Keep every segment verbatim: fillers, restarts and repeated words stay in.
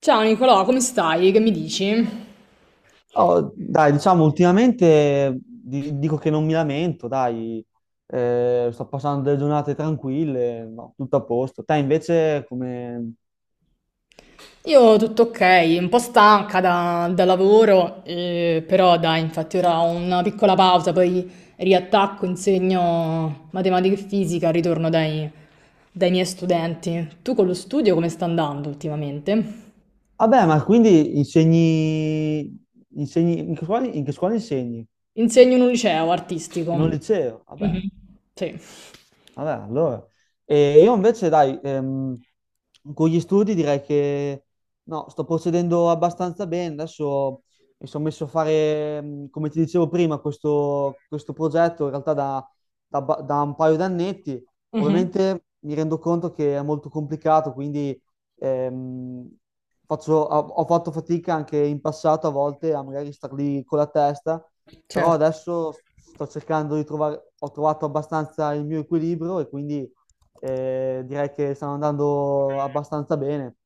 Ciao Nicolò, come stai? Che mi dici? Oh, dai, diciamo, ultimamente di- dico che non mi lamento, dai. Eh, sto passando delle giornate tranquille, no, tutto a posto. Te invece come... Io tutto ok, un po' stanca da, da lavoro, eh, però dai, infatti ora ho una piccola pausa, poi riattacco, insegno matematica e fisica, ritorno dai, dai miei studenti. Tu con lo studio come sta andando ultimamente? Vabbè, ma quindi insegni... insegni... In che scuola, in che scuola insegni? Insegno in un liceo In un artistico. Mm. liceo, vabbè. Mhm. Sì. Vabbè, allora. E io invece, dai, ehm, con gli studi direi che no, sto procedendo abbastanza bene. Adesso mi sono messo a fare, ehm, come ti dicevo prima, questo, questo progetto in realtà da, da ba- da un paio d'annetti. Mhm. Ovviamente mi rendo conto che è molto complicato, quindi ehm, faccio- ho, ho fatto fatica anche in passato a volte a magari star lì con la testa, però Certo. adesso sto cercando di trovare, ho trovato abbastanza il mio equilibrio e quindi eh, direi che stanno andando abbastanza bene.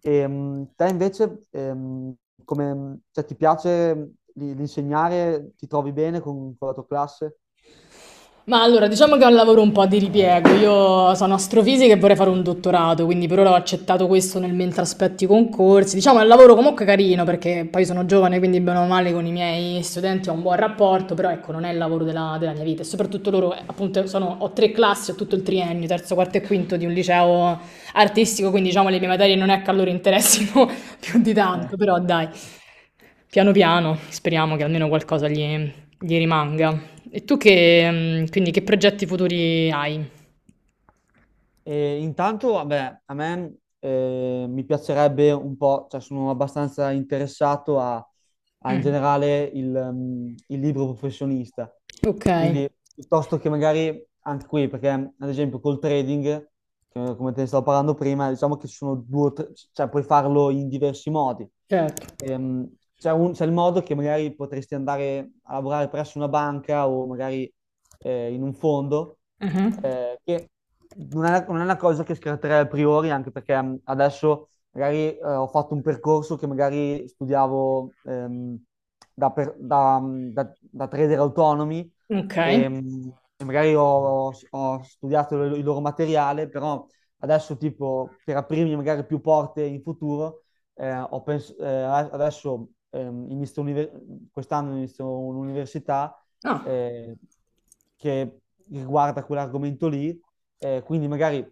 E, mh, te invece, ehm, come, cioè, ti piace l- l'insegnare? Ti trovi bene con, con la tua classe? Ma allora, diciamo che è un lavoro un po' di ripiego. Io sono astrofisica e vorrei fare un dottorato, quindi per ora ho accettato questo nel mentre aspetti i concorsi. Diciamo è un lavoro comunque carino perché poi sono giovane, quindi bene o male con i miei studenti ho un buon rapporto, però ecco, non è il lavoro della, della mia vita. E soprattutto loro, eh, appunto, sono- ho tre classi, ho tutto il triennio, terzo, quarto e quinto di un liceo artistico, quindi diciamo le mie materie non è che a loro interessino più di tanto, Eh. però dai. Piano piano, speriamo che almeno qualcosa gli, gli rimanga. E tu che, mm, quindi che progetti futuri hai? E intanto, vabbè, a me eh, mi piacerebbe un po', cioè sono abbastanza interessato a, a, in Mm. generale il, mm, il libro professionista. Ok, Quindi piuttosto che magari anche qui, perché ad esempio col trading che- come te ne stavo parlando prima, diciamo che ci sono due o tre, cioè puoi farlo in diversi modi. certo. Ehm, c'è un- c'è il modo che magari potresti andare a lavorare presso una banca o magari eh, in un fondo, Mhm. eh, che non è, non è una cosa che scatterei a priori, anche perché mh, adesso magari eh, ho fatto un percorso che magari studiavo ehm, da, per- da, mh, da- da trader autonomi. Ok. Ehm, magari ho, ho studiato il loro materiale, però adesso tipo per aprirmi magari più porte in futuro, eh, ho pens- eh, adesso ehm, inizio univer- quest'anno inizio un'università Ah, eh, che riguarda quell'argomento lì, eh, quindi magari,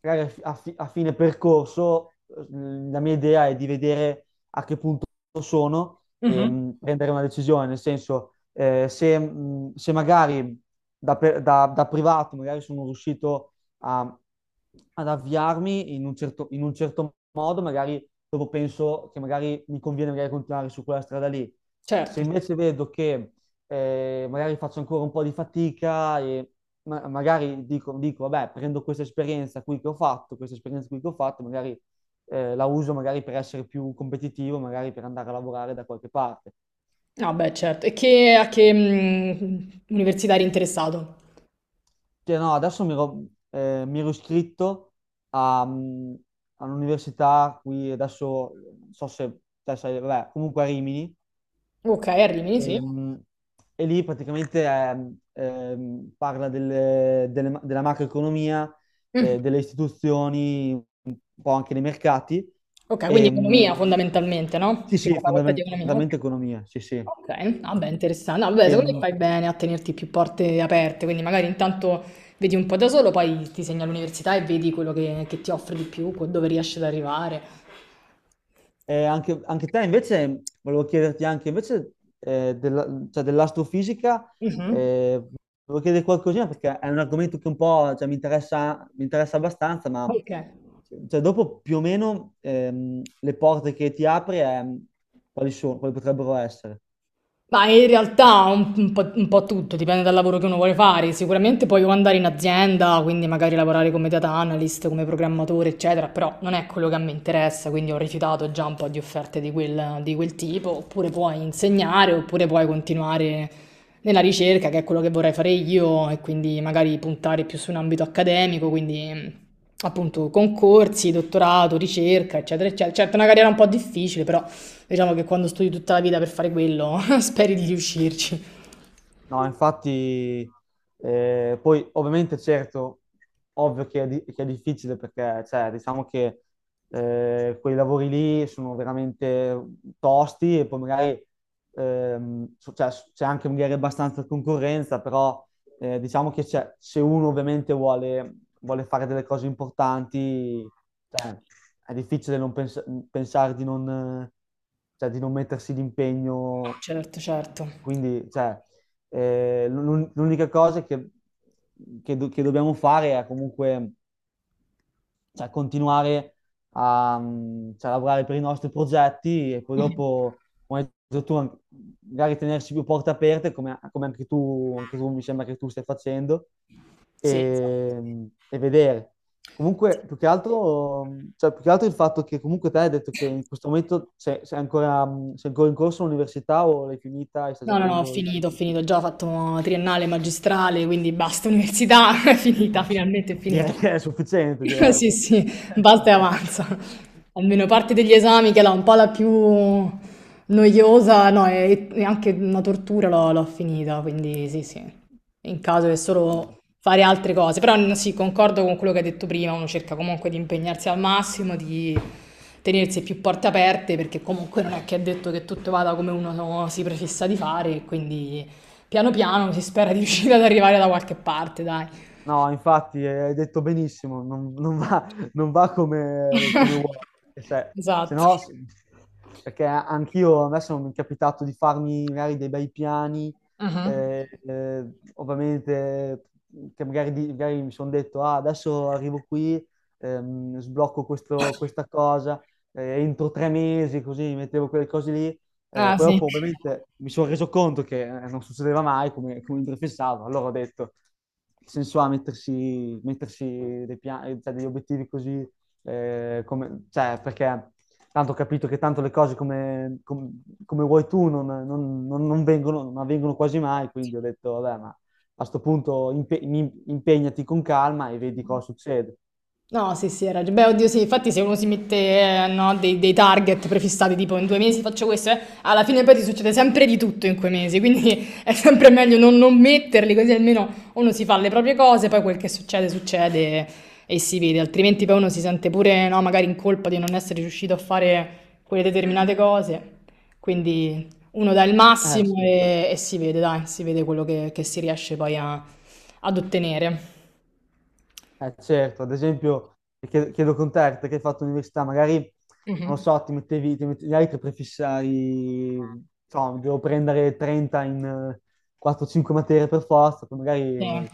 magari a, fi- a fine percorso eh, la mia idea è di vedere a che punto sono e mhm. mh, prendere una decisione, nel senso eh, se, mh, se magari da, pe- da- da privato magari sono riuscito a- ad avviarmi in un certo, in un certo modo, magari dopo penso che magari mi conviene magari continuare su quella strada lì. Se Certo. invece vedo che eh, magari faccio ancora un po' di fatica e ma- magari dico, dico, vabbè, prendo questa esperienza qui che ho fatto, questa esperienza qui che ho fatto, magari eh, la uso magari per essere più competitivo, magari per andare a lavorare da qualche parte. Ah, beh, certo. E che, a che mm, università eri interessato? Cioè, no, adesso mi ero, eh, mi ero iscritto a, mm, all'università qui, adesso non so se te sai, vabbè, comunque a Rimini, Ok, a Rimini, sì. e, mm, e lì praticamente ehm, ehm, parla delle- delle- della macroeconomia, Mm. eh, delle istituzioni, un po' anche dei mercati. Ok, quindi E, mm, economia fondamentalmente, no? sì, Quindi sì, la facoltà di economia, ok. fondamentalmente economia, sì, sì. Okay, vabbè interessan no vabbè secondo me Ehm, fai bene a tenerti più porte aperte, quindi magari intanto vedi un po' da solo, poi ti segni all'università e vedi quello che che ti offre di più, co dove riesci ad arrivare. Eh, anche, anche te invece, volevo chiederti anche invece eh, della- cioè, dell'astrofisica, Mh-mh. eh, volevo chiedere qualcosina perché è un argomento che un po' cioè, mi interessa, mi interessa abbastanza, ma Okay. cioè, dopo più o meno ehm, le porte che ti apri, ehm, quali sono, quali potrebbero essere? Ma in realtà un, un po', un po' tutto, dipende dal lavoro che uno vuole fare. Sicuramente puoi o andare in azienda, quindi magari lavorare come data analyst, come programmatore, eccetera, però non è quello che mi interessa, quindi ho rifiutato già un po' di offerte di quel, di quel tipo. Oppure puoi insegnare, oppure puoi continuare nella ricerca, che è quello che vorrei fare io, e quindi magari puntare più su un ambito accademico, quindi mh, appunto concorsi, dottorato, ricerca, eccetera, eccetera. Certo, è una carriera un po' difficile, però... Diciamo che quando studi tutta la vita per fare quello, speri di riuscirci. No, infatti, eh, poi ovviamente certo, ovvio che è, di- che è difficile perché, cioè, diciamo che eh, quei lavori lì sono veramente tosti e poi magari ehm, so- cioè, s- c'è anche magari abbastanza concorrenza, però eh, diciamo che c'è- se uno ovviamente vuole, vuole fare delle cose importanti, cioè, è difficile non pens- pensare di non, eh, cioè, di non mettersi d'impegno. Certo, certo. Quindi, cioè, eh, l'un- l'unica cosa che, che do- che dobbiamo fare è comunque cioè, continuare a mm, cioè, lavorare per i nostri progetti e poi dopo, come hai detto tu, an- magari tenersi più porte aperte, come, come anche tu, anche tu mi sembra che tu stai facendo, Sì, esatto. e, e vedere. Comunque, più che altro, cioè, più che altro il fatto che comunque te hai detto che in questo momento sei, sei ancora, sei ancora in corso all'università o l'hai finita e stai No, no, no, ho cercando... il... finito, ho finito, già ho fatto triennale, magistrale, quindi basta, università, è finita, finalmente è Direi finita. che è sufficiente, direi. Sì, sì, basta e avanza. Almeno parte degli esami, che era un po' la più noiosa, no, e, e anche una tortura, l'ho l'ho finita, quindi sì, sì. in caso che solo fare altre cose. Però n- sì, concordo con quello che hai detto prima, uno cerca comunque di impegnarsi al massimo, di tenersi più porte aperte, perché comunque non è che è detto che tutto vada come uno no, si prefissa di fare, e quindi piano piano si spera di riuscire ad arrivare da qualche parte, dai. No, infatti, eh, hai detto benissimo, non, non va, non va come, come uomo, perché se, se Esatto. no, s- perché anch'io adesso mi è capitato di farmi magari dei bei piani, Mhm. eh, eh, ovviamente che magari, di- magari mi sono detto, ah, adesso arrivo qui, ehm, sblocco questo- questa cosa, eh, entro tre mesi, così mi mettevo quelle cose lì, eh, Ah, poi sì. dopo ovviamente mi sono reso conto che eh, non succedeva mai come, come mi prefissavo, allora ho detto nel senso a mettersi, mettersi dei pia- cioè, degli obiettivi così, eh, come- cioè, perché tanto ho capito che tanto le cose come, com- come vuoi tu non, non- non- non vengono, non avvengono quasi mai, quindi ho detto, vabbè, ma a sto punto impe- mi- impegnati con calma e vedi cosa succede. No, sì, sì, hai ragione. Beh, oddio, sì, infatti se uno si mette, eh, no, dei, dei target prefissati, tipo in due mesi faccio questo, eh, alla fine poi ti succede sempre di tutto in quei mesi, quindi è sempre meglio non, non metterli, così almeno uno si fa le proprie cose, poi quel che succede, succede e si vede, altrimenti poi uno si sente pure, no, magari in colpa di non essere riuscito a fare quelle determinate cose. Quindi uno dà il Eh, massimo sì. e, e si vede, dai, si vede quello che, che si riesce poi a- ad ottenere. Eh, certo, ad esempio, chiedo, chiedo con te, perché hai fatto l'università, magari, non lo Mhm. so, ti mettevi, ti mettevi, magari ti prefissavi, so, devo prendere trenta in eh, quattro o cinque materie per forza, poi Sì. magari,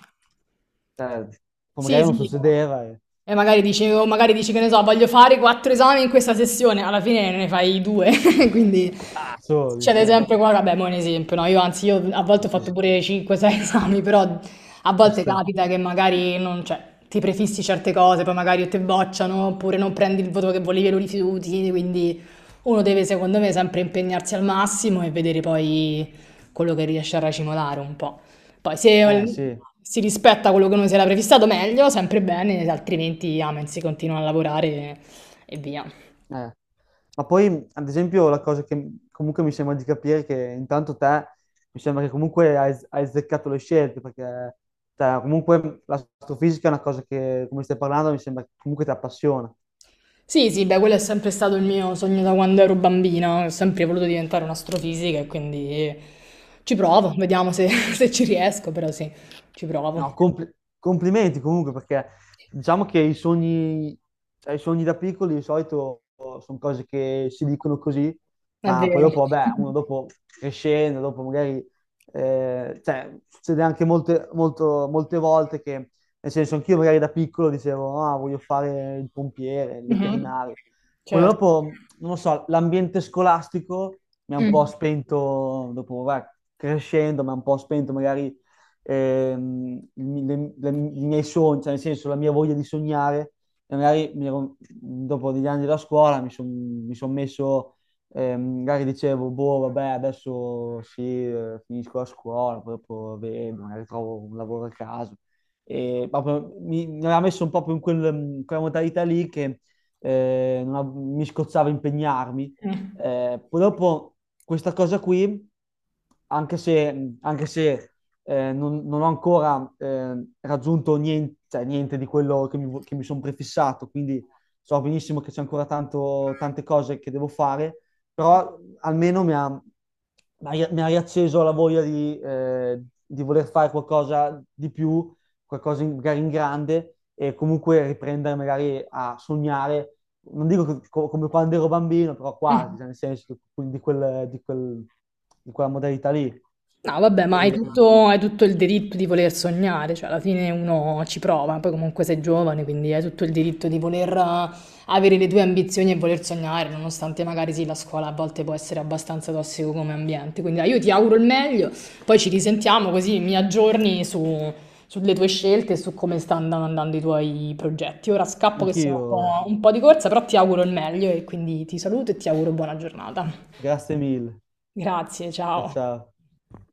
cioè, poi Sì, magari non sì. succedeva, e, E magari dici, o magari dici che ne so, voglio fare quattro esami in questa sessione, alla fine ne fai due, quindi ah, soli, succede eh, sempre qua, vabbè, mo è un esempio, no? Io anzi, io a sì, volte ho fatto sì. pure cinque sei esami, però a volte Basta. capita che magari non, cioè, ti prefissi certe cose, poi magari o te bocciano, oppure non prendi il voto che volevi e lo rifiuti, quindi uno deve, secondo me, sempre impegnarsi al massimo e vedere poi quello che riesce a racimolare un po'. Poi Eh, se sì. si rispetta quello che uno si era prefissato meglio, sempre bene, altrimenti amen, si continua a lavorare e, e via. Eh, Ma poi, ad esempio, la cosa che comunque mi sembra di capire è che intanto te mi sembra che comunque hai, hai azzeccato le scelte, perché cioè, comunque l'astrofisica è una cosa che, come stai parlando, mi sembra che comunque ti appassiona. Sì, sì, beh, quello è sempre stato il mio sogno da quando ero bambina, ho sempre voluto diventare un'astrofisica e quindi ci provo, vediamo se, se ci riesco, però sì, ci provo. No, compli- complimenti comunque perché diciamo che i sogni, cioè, i sogni da piccoli di solito sono cose che si dicono così, È ma poi vero. dopo, vabbè, uno dopo crescendo, dopo magari, eh, cioè, succede anche molte, molto- molte volte che, nel senso, anch'io magari da piccolo dicevo, ah, voglio fare il pompiere, il veterinario. Poi dopo, non lo so, l'ambiente scolastico mi ha un po' Mm, spento, dopo, vabbè, crescendo, mi ha un po' spento magari ehm, il mi- le- le- i miei sogni, cioè nel senso la mia voglia di sognare. E magari mi ero- dopo degli anni della scuola mi sono son messo, ehm, magari dicevo, boh, vabbè, adesso sì, eh, finisco la scuola, poi dopo vedo, magari trovo un lavoro a caso. E proprio mi, mi aveva messo un po' più in quel- in quella modalità lì che eh, non av- mi scozzava impegnarmi. mm, Eh, poi dopo questa cosa qui, anche se, anche se eh, non, non ho ancora eh, raggiunto niente, cioè, niente di quello che mi, che mi sono prefissato, quindi so benissimo che c'è ancora tanto, tante cose che devo fare, però almeno mi ha, mi ha- mi ha riacceso la voglia di, eh, di voler fare qualcosa di più, qualcosa in- magari in grande e comunque riprendere magari a sognare. Non dico che- co- come quando ero bambino, però quasi, mm. cioè, nel senso di, quel- di quel- di quella modalità lì. No, vabbè, ma hai E- tutto, hai tutto il diritto di voler sognare, cioè alla fine uno ci prova, poi comunque sei giovane, quindi hai tutto il diritto di voler eh, avere le tue ambizioni e voler sognare, nonostante magari sì, la scuola a volte può essere abbastanza tossico come ambiente. Quindi dai, io ti auguro il meglio, poi ci risentiamo così mi aggiorni su- sulle tue scelte e su come stanno andando i tuoi progetti. Ora scappo che sono un Anch'io, po' un po' di corsa, però ti auguro il meglio e quindi ti saluto e ti auguro buona giornata. grazie mille. Grazie, Ciao ciao. ciao.